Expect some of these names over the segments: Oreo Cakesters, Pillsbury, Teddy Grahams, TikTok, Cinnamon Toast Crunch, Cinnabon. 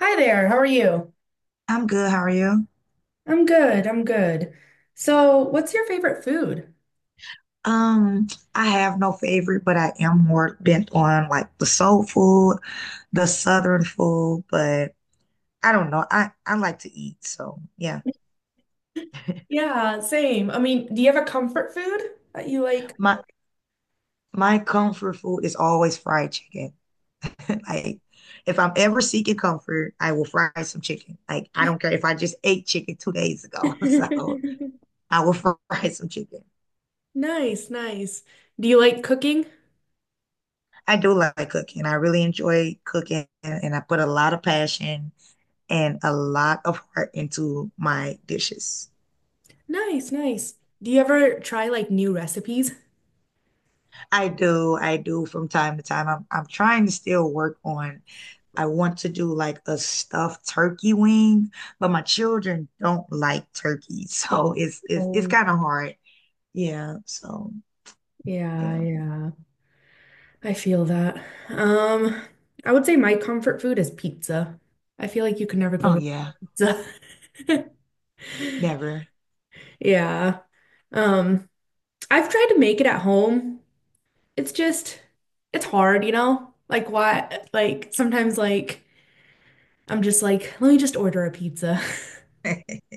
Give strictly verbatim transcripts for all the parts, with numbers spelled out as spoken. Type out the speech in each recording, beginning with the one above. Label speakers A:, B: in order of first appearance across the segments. A: Hi there, how are you?
B: I'm good. How are you?
A: I'm good, I'm good. So, what's your favorite food?
B: Um, I have no favorite, but I am more bent on like the soul food, the southern food, but I don't know. I I like to eat, so yeah.
A: Yeah, same. I mean, do you have a comfort food that you like?
B: My my comfort food is always fried chicken. Like if I'm ever seeking comfort, I will fry some chicken. Like I don't care if I just ate chicken two days ago. So I will fry some chicken.
A: Nice, nice. Do you like cooking?
B: I do like cooking. I really enjoy cooking and I put a lot of passion and a lot of heart into my dishes.
A: Nice, nice. Do you ever try like new recipes?
B: I do, I do from time to time. I'm I'm trying to still work on. I want to do like a stuffed turkey wing, but my children don't like turkey, so it's it's it's
A: Oh,
B: kind of hard. Yeah, so
A: yeah,
B: yeah.
A: yeah. I feel that. Um, I would say my comfort food is pizza. I feel like you can never go
B: Oh
A: wrong
B: yeah,
A: with pizza.
B: never.
A: Yeah. Um, I've tried to make it at home. it's just it's hard, you know? Like why like sometimes like I'm just like, let me just order a pizza.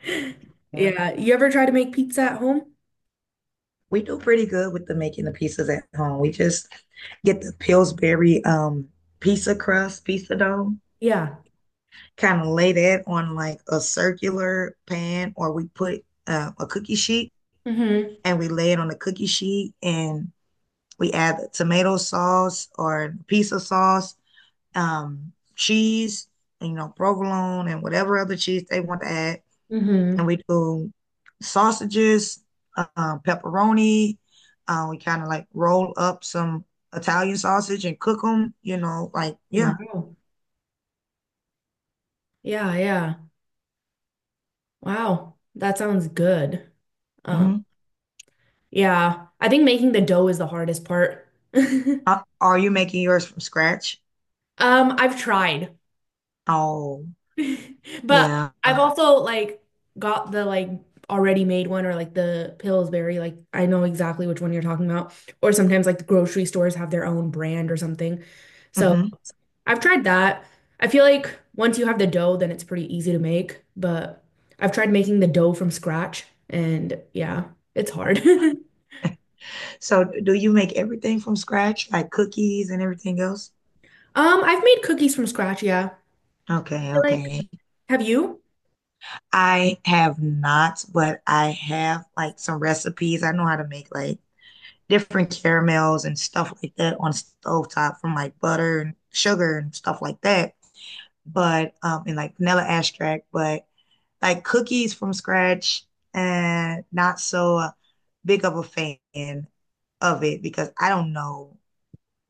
B: Yeah.
A: Yeah. You ever try to make pizza at home?
B: We do pretty good with the making the pizzas at home. We just get the Pillsbury um pizza crust, pizza dough,
A: Yeah.
B: kind of lay that on like a circular pan or we put uh, a cookie sheet
A: Mm-hmm.
B: and we lay it on the cookie sheet and we add tomato sauce or piece of sauce, um, cheese, you know, provolone and whatever other cheese they want to add.
A: Mm-hmm.
B: And we do sausages, uh, pepperoni. Uh, we kind of like roll up some Italian sausage and cook them, you know, like, yeah.
A: Wow. Yeah, yeah. Wow. That sounds good. Um,
B: Mm-hmm.
A: yeah. I think making the dough is the hardest part.
B: Are you making yours from scratch?
A: Um, I've tried.
B: Oh,
A: But
B: yeah.
A: I've also like got the like already made one or like the Pillsbury, like I know exactly which one you're talking about. Or sometimes like the grocery stores have their own brand or something. So
B: Hmm.
A: I've tried that. I feel like once you have the dough, then it's pretty easy to make. But I've tried making the dough from scratch and yeah, it's hard.
B: So do you make everything from scratch, like cookies and everything else?
A: Um, I've made cookies from scratch, yeah. I
B: Okay,
A: feel like
B: okay.
A: have you?
B: I have not, but I have like some recipes. I know how to make like different caramels and stuff like that on stovetop from like butter and sugar and stuff like that. But um and like vanilla extract, but like cookies from scratch and not so uh, big of a fan of it because I don't know.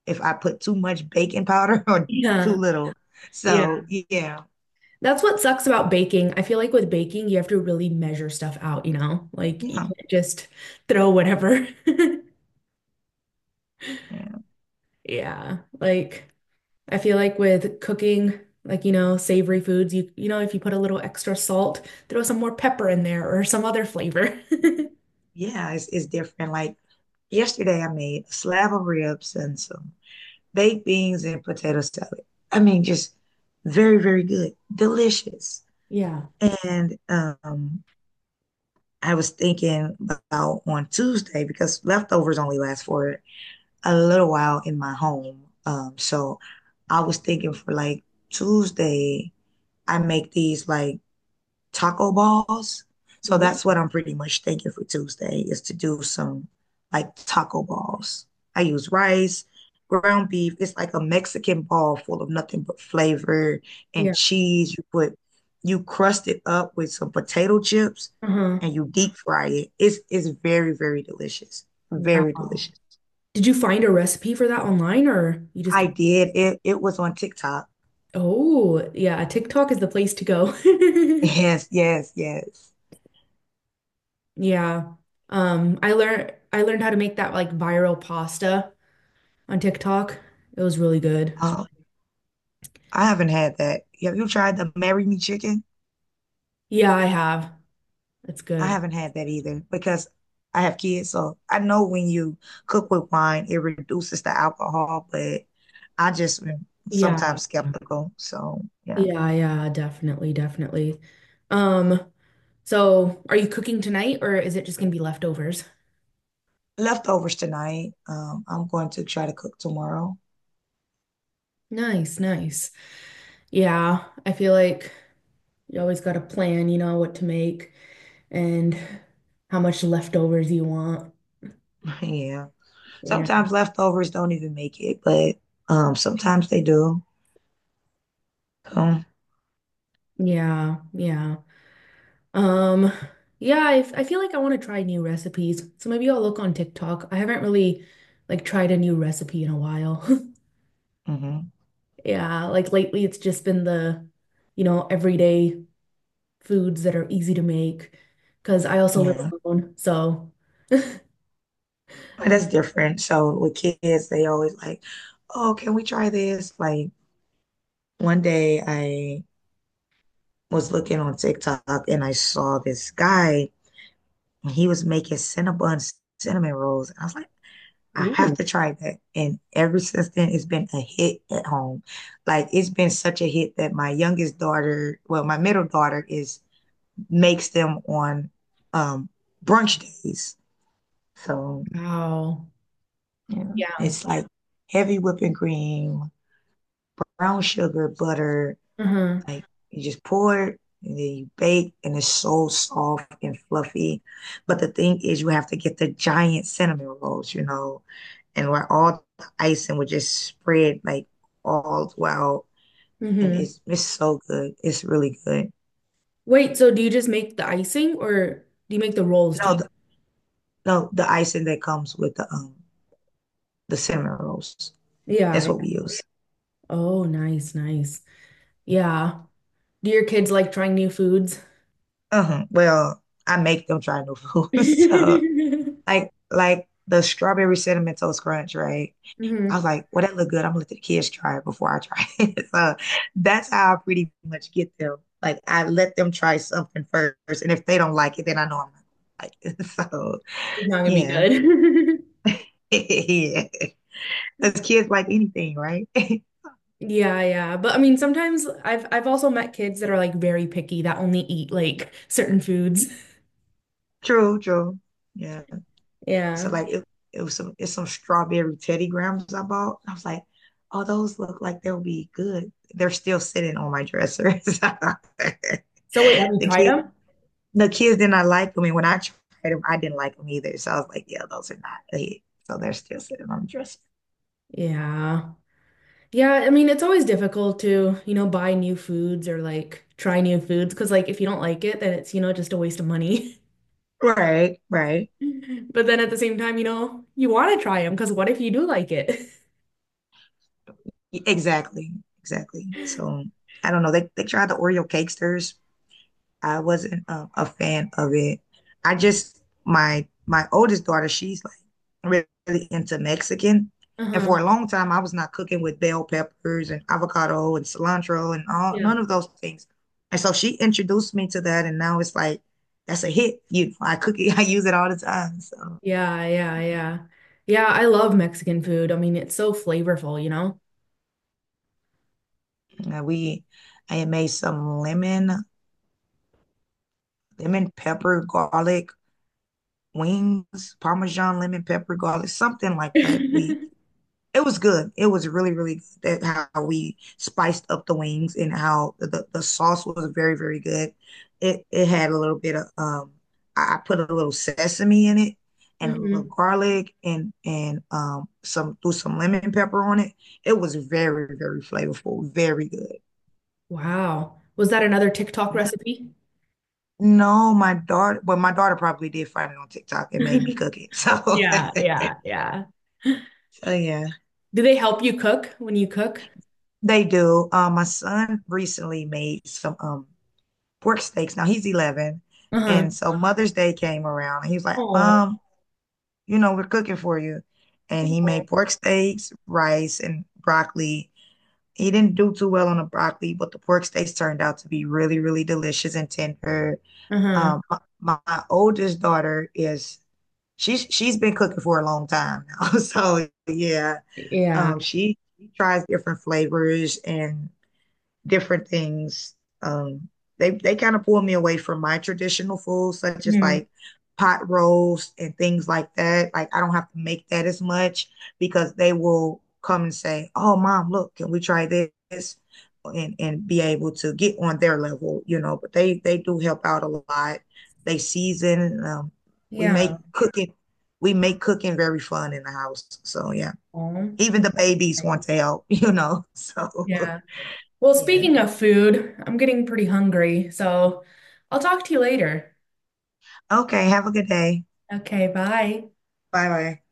B: If I put too much baking powder or too
A: Yeah.
B: little. So
A: Yeah.
B: yeah,
A: That's what sucks about baking. I feel like with baking, you have to really measure stuff out, you know? Like you
B: yeah,
A: can't just throw whatever.
B: yeah,
A: Yeah. Like I feel like with cooking, like you know, savory foods, you you know, if you put a little extra salt, throw some more pepper in there or some other flavor.
B: yeah. It's it's different. Like yesterday, I made a slab of ribs and some baked beans and potato salad. I mean, just very, very good, delicious.
A: Yeah.
B: And um, I was thinking about on Tuesday because leftovers only last for a little while in my home. Um, so I was thinking for like Tuesday, I make these like taco balls. So
A: Ooh.
B: that's what I'm pretty much thinking for Tuesday is to do some like taco balls. I use rice, ground beef. It's like a Mexican ball full of nothing but flavor and
A: Yeah.
B: cheese. You put you crust it up with some potato chips
A: Uh-huh.
B: and you deep fry it. It's it's very, very delicious. Very
A: Wow.
B: delicious.
A: Did you find a recipe for that online or you just
B: I
A: kind
B: did it. It was on TikTok.
A: of, oh, yeah, TikTok is the place to go.
B: Yes, yes, yes.
A: Yeah. Um, I learned I learned how to make that like viral pasta on TikTok. It was really good.
B: Oh, I haven't had that. Have you tried the Marry Me Chicken?
A: Yeah, I have. It's
B: I
A: good.
B: haven't had that either because I have kids. So I know when you cook with wine, it reduces the alcohol, but I just am
A: Yeah.
B: sometimes skeptical. So yeah.
A: Yeah, yeah, definitely, definitely. Um, so are you cooking tonight or is it just gonna be leftovers?
B: Leftovers tonight. Um, I'm going to try to cook tomorrow.
A: Nice, nice. Yeah, I feel like you always gotta plan, you know, what to make and how much leftovers you want.
B: Yeah.
A: Yeah.
B: Sometimes leftovers don't even make it, but um, sometimes they do. So,
A: Yeah, yeah. Um, yeah, I, f- I feel like I want to try new recipes. So maybe I'll look on TikTok. I haven't really like tried a new recipe in a while.
B: hmm,
A: Yeah, like lately it's just been the, you know, everyday foods that are easy to make because I also live
B: yeah.
A: alone. So,
B: But
A: um,
B: that's different. So with kids, they always like, oh, can we try this? Like one day I was looking on TikTok and I saw this guy and he was making Cinnabon cinnamon rolls. And I was like, I have
A: Ooh.
B: to try that. And ever since then, it's been a hit at home. Like it's been such a hit that my youngest daughter, well, my middle daughter is makes them on um brunch days. So
A: Wow.
B: yeah,
A: Yeah.
B: it's like heavy whipping cream, brown sugar, butter.
A: Uh-huh.
B: Like you just pour it and then you bake and it's so soft and fluffy. But the thing is you have to get the giant cinnamon rolls, you know, and where all the icing would just spread like all throughout. And
A: Mm-hmm.
B: it's it's so good. It's really good.
A: Wait, so do you just make the icing or do you make the rolls too?
B: No, the, no, the icing that comes with the um the cinnamon rolls.
A: Yeah,
B: That's what
A: yeah.
B: we use.
A: Oh, nice, nice. Yeah. Do your kids like trying new foods?
B: Uh-huh. Well, I make them try new foods. So
A: Hmm.
B: like like the strawberry cinnamon toast crunch, right? I was
A: It's
B: like, well, that look good. I'm gonna let the kids try it before I try it. So that's how I pretty much get them. Like I let them try something first, and if they don't like it, then I know I'm not like it. So
A: not gonna be
B: yeah,
A: good.
B: yeah. Because kids like anything, right?
A: Yeah, yeah. But I mean, sometimes I've I've also met kids that are like very picky that only eat like certain foods.
B: True, true. Yeah. So
A: Yeah.
B: like it, it was some it's some strawberry Teddy Grahams I bought. I was like, oh, those look like they'll be good. They're still sitting on my dresser. the
A: So wait, have you tried
B: kids
A: them?
B: the kids did not like them, and when I tried them, I didn't like them either. So I was like, yeah, those are not a hit. So they're still sitting on the dresser.
A: Yeah. Yeah, I mean, it's always difficult to, you know, buy new foods or like try new foods because like if you don't like it, then it's, you know, just a waste of money.
B: Right, right.
A: But then at the same time, you know, you want to try them because what if you do like it?
B: Exactly, exactly. So I don't know. They they tried the Oreo cakesters. I wasn't um, a fan of it. I just my my oldest daughter, she's like really into Mexican, and
A: Uh-huh.
B: for a long time, I was not cooking with bell peppers and avocado and cilantro and all
A: Yeah.
B: none of those things. And so she introduced me to that, and now it's like that's a hit. You know, I cook it, I use it all the time. So
A: Yeah, yeah, yeah. Yeah, I love Mexican food. I mean, it's so flavorful, you know?
B: uh, we, I had made some lemon lemon pepper garlic wings, Parmesan lemon pepper garlic, something like that. We it was good. It was really, really good that how we spiced up the wings and how the, the sauce was very, very good. It it had a little bit of um I I put a little sesame in it and a little
A: Hmm.
B: garlic and and um some threw some lemon pepper on it. It was very, very flavorful, very good.
A: Wow. Was that another TikTok
B: Yeah.
A: recipe?
B: No, my daughter, well, my daughter probably did find it on TikTok and made me cook it. So,
A: Yeah, yeah, yeah.
B: so yeah,
A: Do they help you cook when you cook?
B: they do. Um, my son recently made some um pork steaks. Now he's eleven. And
A: Uh-huh.
B: so Mother's Day came around and he was like,
A: Oh.
B: Mom, you know, we're cooking for you. And he
A: Oh.
B: made pork steaks, rice, and broccoli. He didn't do too well on the broccoli, but the pork steaks turned out to be really, really delicious and tender.
A: Uh-huh.
B: Um, my, my oldest daughter is she's she's been cooking for a long time now. So yeah,
A: Yeah.
B: um, she, she tries different flavors and different things. Um, they they kind of pull me away from my traditional foods, such as
A: Mhm.
B: like pot roast and things like that. Like I don't have to make that as much because they will come and say, "Oh, mom, look, can we try this?" and and be able to get on their level, you know. But they they do help out a lot. They season. Um, we
A: Yeah.
B: make cooking. We make cooking very fun in the house. So yeah,
A: Oh,
B: even the babies want
A: nice.
B: to help, you know. So
A: Yeah. Well,
B: yeah.
A: speaking of food, I'm getting pretty hungry, so I'll talk to you later.
B: Okay, have a good day.
A: Okay, bye.
B: Bye bye.